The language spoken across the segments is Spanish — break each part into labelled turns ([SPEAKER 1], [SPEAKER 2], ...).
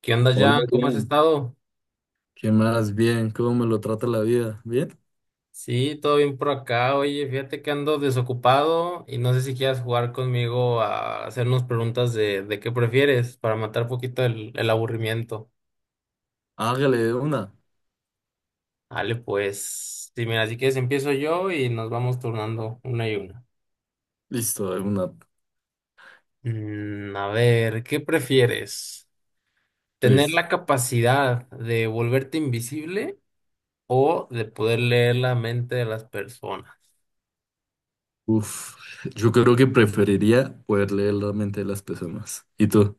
[SPEAKER 1] ¿Qué onda,
[SPEAKER 2] Hola,
[SPEAKER 1] Jan? ¿Cómo has
[SPEAKER 2] Adrián.
[SPEAKER 1] estado?
[SPEAKER 2] ¿Qué más? Bien, ¿cómo me lo trata la vida? ¿Bien?
[SPEAKER 1] Sí, todo bien por acá. Oye, fíjate que ando desocupado y no sé si quieras jugar conmigo a hacernos preguntas de qué prefieres para matar poquito el aburrimiento.
[SPEAKER 2] Hágale de una.
[SPEAKER 1] Vale, pues, sí, mira, si quieres empiezo yo y nos vamos turnando una y una.
[SPEAKER 2] Listo, de una.
[SPEAKER 1] A ver, ¿qué prefieres? ¿Tener
[SPEAKER 2] Listo.
[SPEAKER 1] la capacidad de volverte invisible o de poder leer la mente de las personas?
[SPEAKER 2] Uf, yo creo que preferiría poder leer la mente de las personas. ¿Y tú?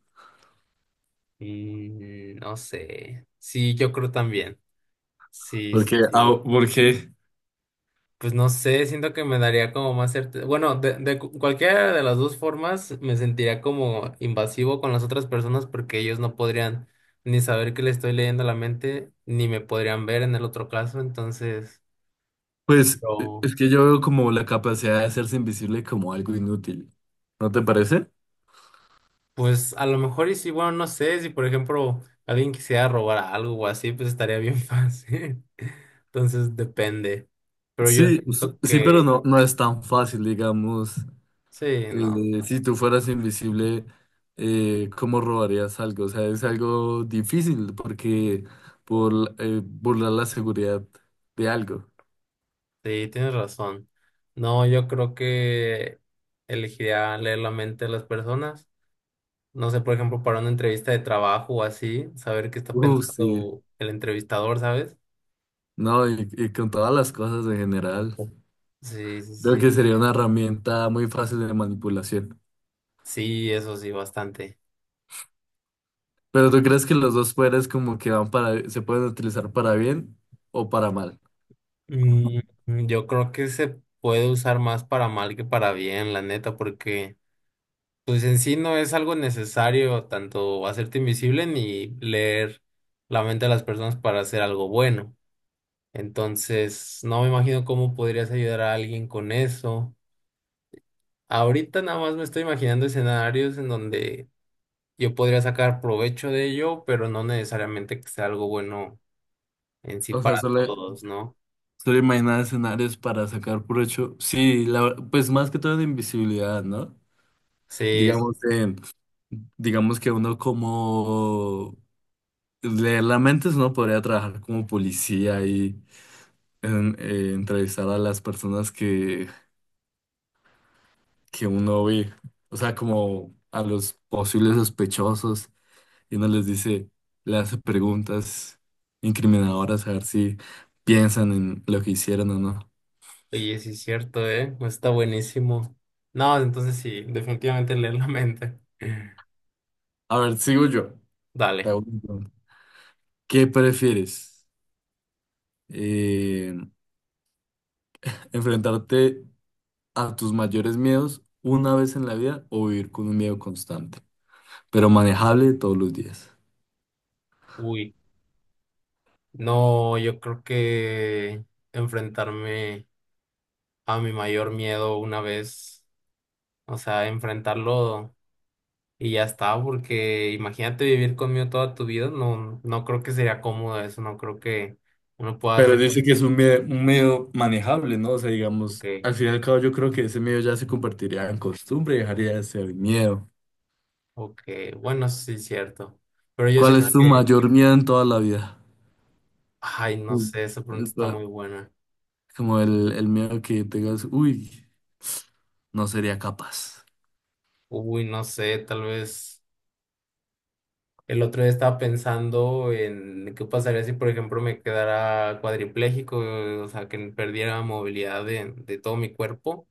[SPEAKER 1] No sé. Sí, yo creo también. Sí, sí,
[SPEAKER 2] Porque, ah,
[SPEAKER 1] sí.
[SPEAKER 2] porque,
[SPEAKER 1] Pues no sé, siento que me daría como más certeza. Bueno, cualquiera de las dos formas me sentiría como invasivo con las otras personas porque ellos no podrían ni saber que le estoy leyendo la mente, ni me podrían ver en el otro caso. Entonces,
[SPEAKER 2] pues, eh,
[SPEAKER 1] yo,
[SPEAKER 2] es que yo veo como la capacidad de hacerse invisible como algo inútil. ¿No te parece?
[SPEAKER 1] pues a lo mejor y sí, bueno, no sé, si por ejemplo alguien quisiera robar algo o así, pues estaría bien fácil. Entonces, depende. Pero yo
[SPEAKER 2] Sí,
[SPEAKER 1] siento
[SPEAKER 2] sí, pero
[SPEAKER 1] que
[SPEAKER 2] no, no es tan fácil, digamos.
[SPEAKER 1] sí, no.
[SPEAKER 2] Si tú fueras invisible, ¿cómo robarías algo? O sea, es algo difícil porque por burlar la seguridad de algo.
[SPEAKER 1] Sí, tienes razón. No, yo creo que elegiría leer la mente de las personas. No sé, por ejemplo, para una entrevista de trabajo o así, saber qué está
[SPEAKER 2] Sí.
[SPEAKER 1] pensando el entrevistador, ¿sabes?
[SPEAKER 2] No, y con todas las cosas en general,
[SPEAKER 1] Sí, sí,
[SPEAKER 2] creo que
[SPEAKER 1] sí.
[SPEAKER 2] sería una herramienta muy fácil de manipulación.
[SPEAKER 1] Sí, eso sí, bastante.
[SPEAKER 2] Pero ¿tú crees que los dos poderes como que van para, se pueden utilizar para bien o para mal?
[SPEAKER 1] Mm, yo creo que se puede usar más para mal que para bien, la neta, porque pues en sí no es algo necesario tanto hacerte invisible ni leer la mente de las personas para hacer algo bueno. Entonces, no me imagino cómo podrías ayudar a alguien con eso. Ahorita nada más me estoy imaginando escenarios en donde yo podría sacar provecho de ello, pero no necesariamente que sea algo bueno en sí
[SPEAKER 2] O sea,
[SPEAKER 1] para todos, ¿no?
[SPEAKER 2] solo imaginar escenarios para sacar provecho. Sí, pues más que todo de invisibilidad, ¿no?
[SPEAKER 1] Sí, sí,
[SPEAKER 2] Digamos, digamos que uno como leer la mente, uno podría trabajar como policía y entrevistar a las personas que uno ve, o sea, como a los posibles sospechosos y uno les dice, le hace preguntas incriminadoras a ver si piensan en lo que hicieron o no.
[SPEAKER 1] oye, sí es cierto, ¿eh? Pues está buenísimo. No, entonces sí, definitivamente leer la mente.
[SPEAKER 2] A ver, sigo yo. Te
[SPEAKER 1] Dale.
[SPEAKER 2] hago una pregunta. ¿Qué prefieres? Eh, ¿Enfrentarte a tus mayores miedos una vez en la vida o vivir con un miedo constante, pero manejable todos los días?
[SPEAKER 1] Uy, no, yo creo que enfrentarme a mi mayor miedo una vez, o sea, enfrentarlo. Y ya está, porque imagínate vivir conmigo toda tu vida, no, no creo que sería cómodo eso, no creo que uno pueda
[SPEAKER 2] Pero
[SPEAKER 1] hacer.
[SPEAKER 2] dice que es un miedo manejable, ¿no? O sea, digamos,
[SPEAKER 1] Ok,
[SPEAKER 2] al fin y al cabo yo creo que ese miedo ya se convertiría en costumbre y dejaría de ser miedo.
[SPEAKER 1] ok, bueno, eso sí es cierto. Pero yo
[SPEAKER 2] ¿Cuál es
[SPEAKER 1] siento
[SPEAKER 2] tu
[SPEAKER 1] que,
[SPEAKER 2] mayor miedo en toda la vida?
[SPEAKER 1] ay, no
[SPEAKER 2] Mm.
[SPEAKER 1] sé, esa pregunta
[SPEAKER 2] El
[SPEAKER 1] está
[SPEAKER 2] pa-
[SPEAKER 1] muy buena.
[SPEAKER 2] Como el miedo que tengas, uy, no sería capaz.
[SPEAKER 1] Uy, no sé, tal vez el otro día estaba pensando en qué pasaría si, por ejemplo, me quedara cuadripléjico, o sea, que perdiera movilidad de todo mi cuerpo.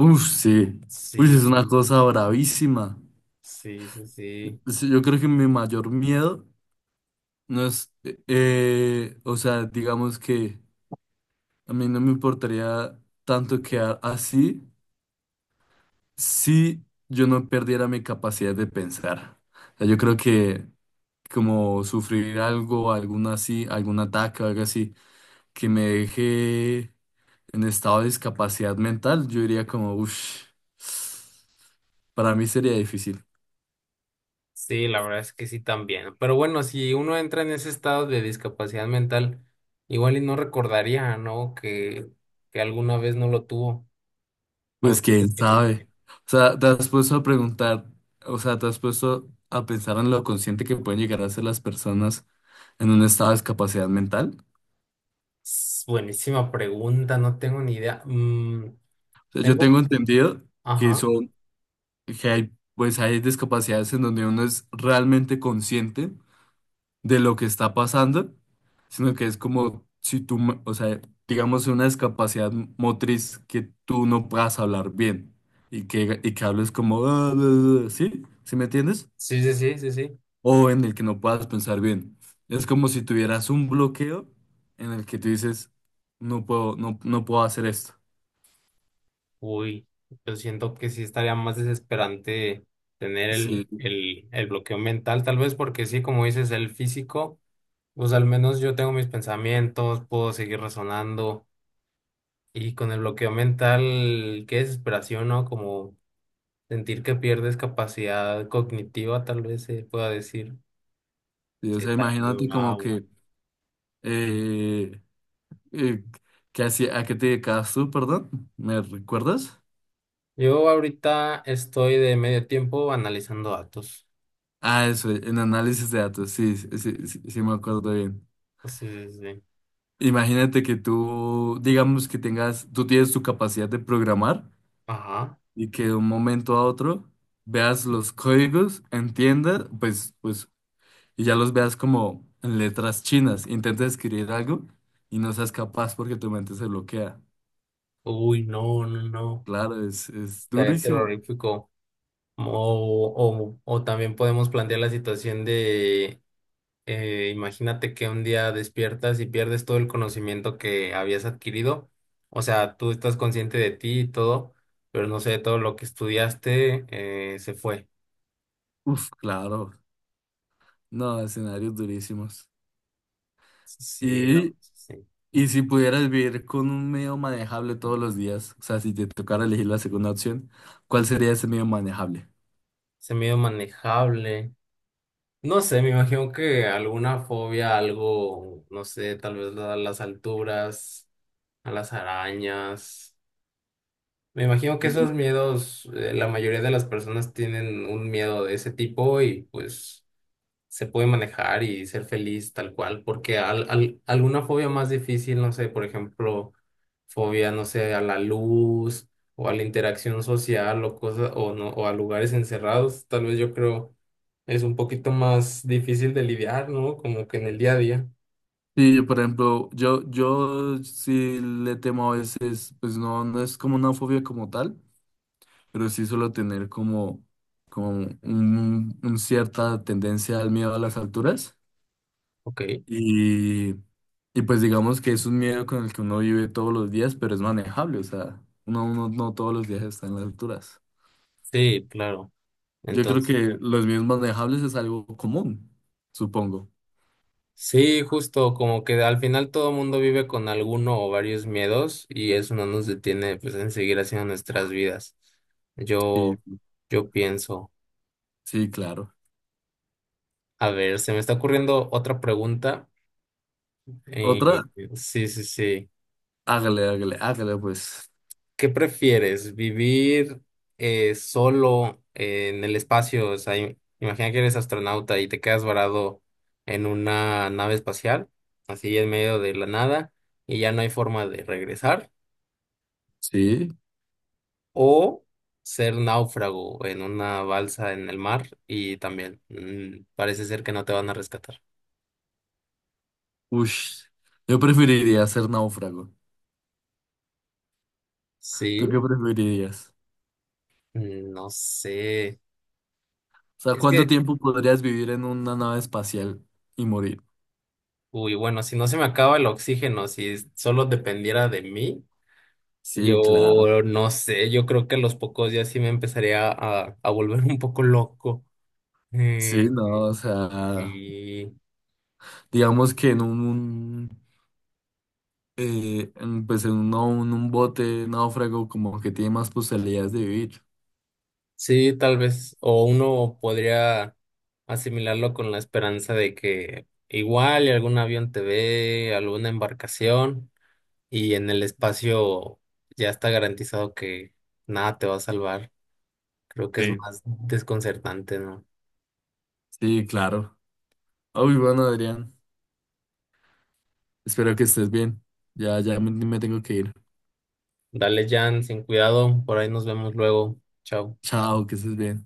[SPEAKER 2] Uf, sí. Uy, es una
[SPEAKER 1] Sí,
[SPEAKER 2] cosa bravísima.
[SPEAKER 1] sí, sí, sí.
[SPEAKER 2] Sí, yo creo que mi mayor miedo no es, o sea, digamos que a mí no me importaría tanto quedar así si yo no perdiera mi capacidad de pensar. O sea, yo creo que como sufrir algo, algún así, algún ataque o algo así, que me deje en estado de discapacidad mental, yo diría como, uff, para mí sería difícil.
[SPEAKER 1] Sí, la verdad es que sí también. Pero bueno, si uno entra en ese estado de discapacidad mental, igual y no recordaría, ¿no? Que alguna vez no lo tuvo. ¿O
[SPEAKER 2] Pues
[SPEAKER 1] tú qué
[SPEAKER 2] quién
[SPEAKER 1] opinas?
[SPEAKER 2] sabe. O sea, te has puesto a preguntar, o sea, te has puesto a pensar en lo consciente que pueden llegar a ser las personas en un estado de discapacidad mental.
[SPEAKER 1] S- Buenísima pregunta, no tengo ni idea. Mm,
[SPEAKER 2] O sea, yo
[SPEAKER 1] tengo,
[SPEAKER 2] tengo entendido que
[SPEAKER 1] ajá.
[SPEAKER 2] son, que hay, pues hay discapacidades en donde uno es realmente consciente de lo que está pasando, sino que es como si tú, o sea, digamos una discapacidad motriz que tú no puedas hablar bien y que hables como, "Ah, ah, ah", ¿sí? ¿Sí me entiendes?
[SPEAKER 1] Sí, sí, sí, sí, sí.
[SPEAKER 2] O en el que no puedas pensar bien. Es como si tuvieras un bloqueo en el que tú dices, no puedo, no, no puedo hacer esto.
[SPEAKER 1] Uy, yo siento que sí estaría más desesperante tener
[SPEAKER 2] Sí,
[SPEAKER 1] el bloqueo mental, tal vez porque sí, como dices, el físico, pues al menos yo tengo mis pensamientos, puedo seguir razonando. Y con el bloqueo mental, qué desesperación, ¿no? Como sentir que pierdes capacidad cognitiva, tal vez se pueda decir.
[SPEAKER 2] sí, o
[SPEAKER 1] Sí,
[SPEAKER 2] sea,
[SPEAKER 1] está muy
[SPEAKER 2] imagínate como
[SPEAKER 1] bravo.
[SPEAKER 2] que, eh, eh, ¿qué hacía- ¿a qué te dedicabas tú, perdón? ¿Me recuerdas?
[SPEAKER 1] Yo ahorita estoy de medio tiempo analizando datos.
[SPEAKER 2] Ah, eso, en análisis de datos, sí, sí, sí, sí, sí me acuerdo bien.
[SPEAKER 1] Sí, sí, sí.
[SPEAKER 2] Imagínate que tú, digamos que tengas, tú tienes tu capacidad de programar
[SPEAKER 1] Ajá.
[SPEAKER 2] y que de un momento a otro veas los códigos, entiendas, pues y ya los veas como en letras chinas. Intentas escribir algo y no seas capaz porque tu mente se bloquea.
[SPEAKER 1] Uy, no, no, no.
[SPEAKER 2] Claro, es
[SPEAKER 1] Estaría
[SPEAKER 2] durísimo.
[SPEAKER 1] terrorífico. O también podemos plantear la situación de imagínate que un día despiertas y pierdes todo el conocimiento que habías adquirido. O sea, tú estás consciente de ti y todo, pero no sé, todo lo que estudiaste se fue.
[SPEAKER 2] Uf, claro. No, escenarios durísimos.
[SPEAKER 1] Sí, lo,
[SPEAKER 2] Y,
[SPEAKER 1] sí.
[SPEAKER 2] y si pudieras vivir con un medio manejable todos los días, o sea, si te tocara elegir la segunda opción, ¿cuál sería ese medio manejable?
[SPEAKER 1] Ese miedo manejable. No sé, me imagino que alguna fobia, algo, no sé, tal vez a las alturas, a las arañas. Me imagino que esos miedos, la mayoría de las personas tienen un miedo de ese tipo y pues se puede manejar y ser feliz tal cual, porque alguna fobia más difícil, no sé, por ejemplo, fobia, no sé, a la luz o a la interacción social o cosas, o no, o a lugares encerrados, tal vez yo creo es un poquito más difícil de lidiar, ¿no? Como que en el día a día.
[SPEAKER 2] Sí, por ejemplo, yo sí le temo a veces, pues no, no es como una fobia como tal, pero sí suelo tener como, como un cierta tendencia al miedo a las alturas.
[SPEAKER 1] Ok.
[SPEAKER 2] Y, y pues digamos que es un miedo con el que uno vive todos los días, pero es manejable, o sea, uno, uno no todos los días está en las alturas.
[SPEAKER 1] Sí, claro.
[SPEAKER 2] Yo creo
[SPEAKER 1] Entonces.
[SPEAKER 2] que los miedos manejables es algo común, supongo.
[SPEAKER 1] Sí, justo, como que al final todo mundo vive con alguno o varios miedos y eso no nos detiene pues en seguir haciendo nuestras vidas.
[SPEAKER 2] Sí,
[SPEAKER 1] Yo, yo pienso,
[SPEAKER 2] sí, claro.
[SPEAKER 1] a ver, se me está ocurriendo otra pregunta. Eh,
[SPEAKER 2] Otra,
[SPEAKER 1] sí, sí, sí.
[SPEAKER 2] hágale, hágale, hágale, pues.
[SPEAKER 1] ¿Qué prefieres? ¿Vivir solo en el espacio? O sea, imagina que eres astronauta y te quedas varado en una nave espacial, así en medio de la nada, y ya no hay forma de regresar.
[SPEAKER 2] Sí,
[SPEAKER 1] O ser náufrago en una balsa en el mar y también parece ser que no te van a rescatar.
[SPEAKER 2] uff. Yo preferiría ser náufrago. ¿Tú
[SPEAKER 1] Sí,
[SPEAKER 2] qué preferirías?
[SPEAKER 1] no sé.
[SPEAKER 2] O sea,
[SPEAKER 1] Es
[SPEAKER 2] ¿cuánto
[SPEAKER 1] que,
[SPEAKER 2] tiempo podrías vivir en una nave espacial y morir?
[SPEAKER 1] uy, bueno, si no se me acaba el oxígeno, si solo dependiera de mí,
[SPEAKER 2] Sí, claro.
[SPEAKER 1] yo no sé, yo creo que a los pocos días sí me empezaría a volver un poco loco.
[SPEAKER 2] Sí,
[SPEAKER 1] Eh,
[SPEAKER 2] no, o sea,
[SPEAKER 1] sí.
[SPEAKER 2] digamos que en un, en, pues en un, un bote náufrago como que tiene más posibilidades de vivir.
[SPEAKER 1] Sí, tal vez, o uno podría asimilarlo con la esperanza de que igual y algún avión te ve, alguna embarcación, y en el espacio ya está garantizado que nada te va a salvar. Creo que es
[SPEAKER 2] Sí.
[SPEAKER 1] más desconcertante, ¿no?
[SPEAKER 2] Sí, claro. Uy, bueno, Adrián, espero que estés bien. Ya, ya me tengo que ir.
[SPEAKER 1] Dale, Jan, sin cuidado, por ahí nos vemos luego. Chao.
[SPEAKER 2] Chao, que estés bien.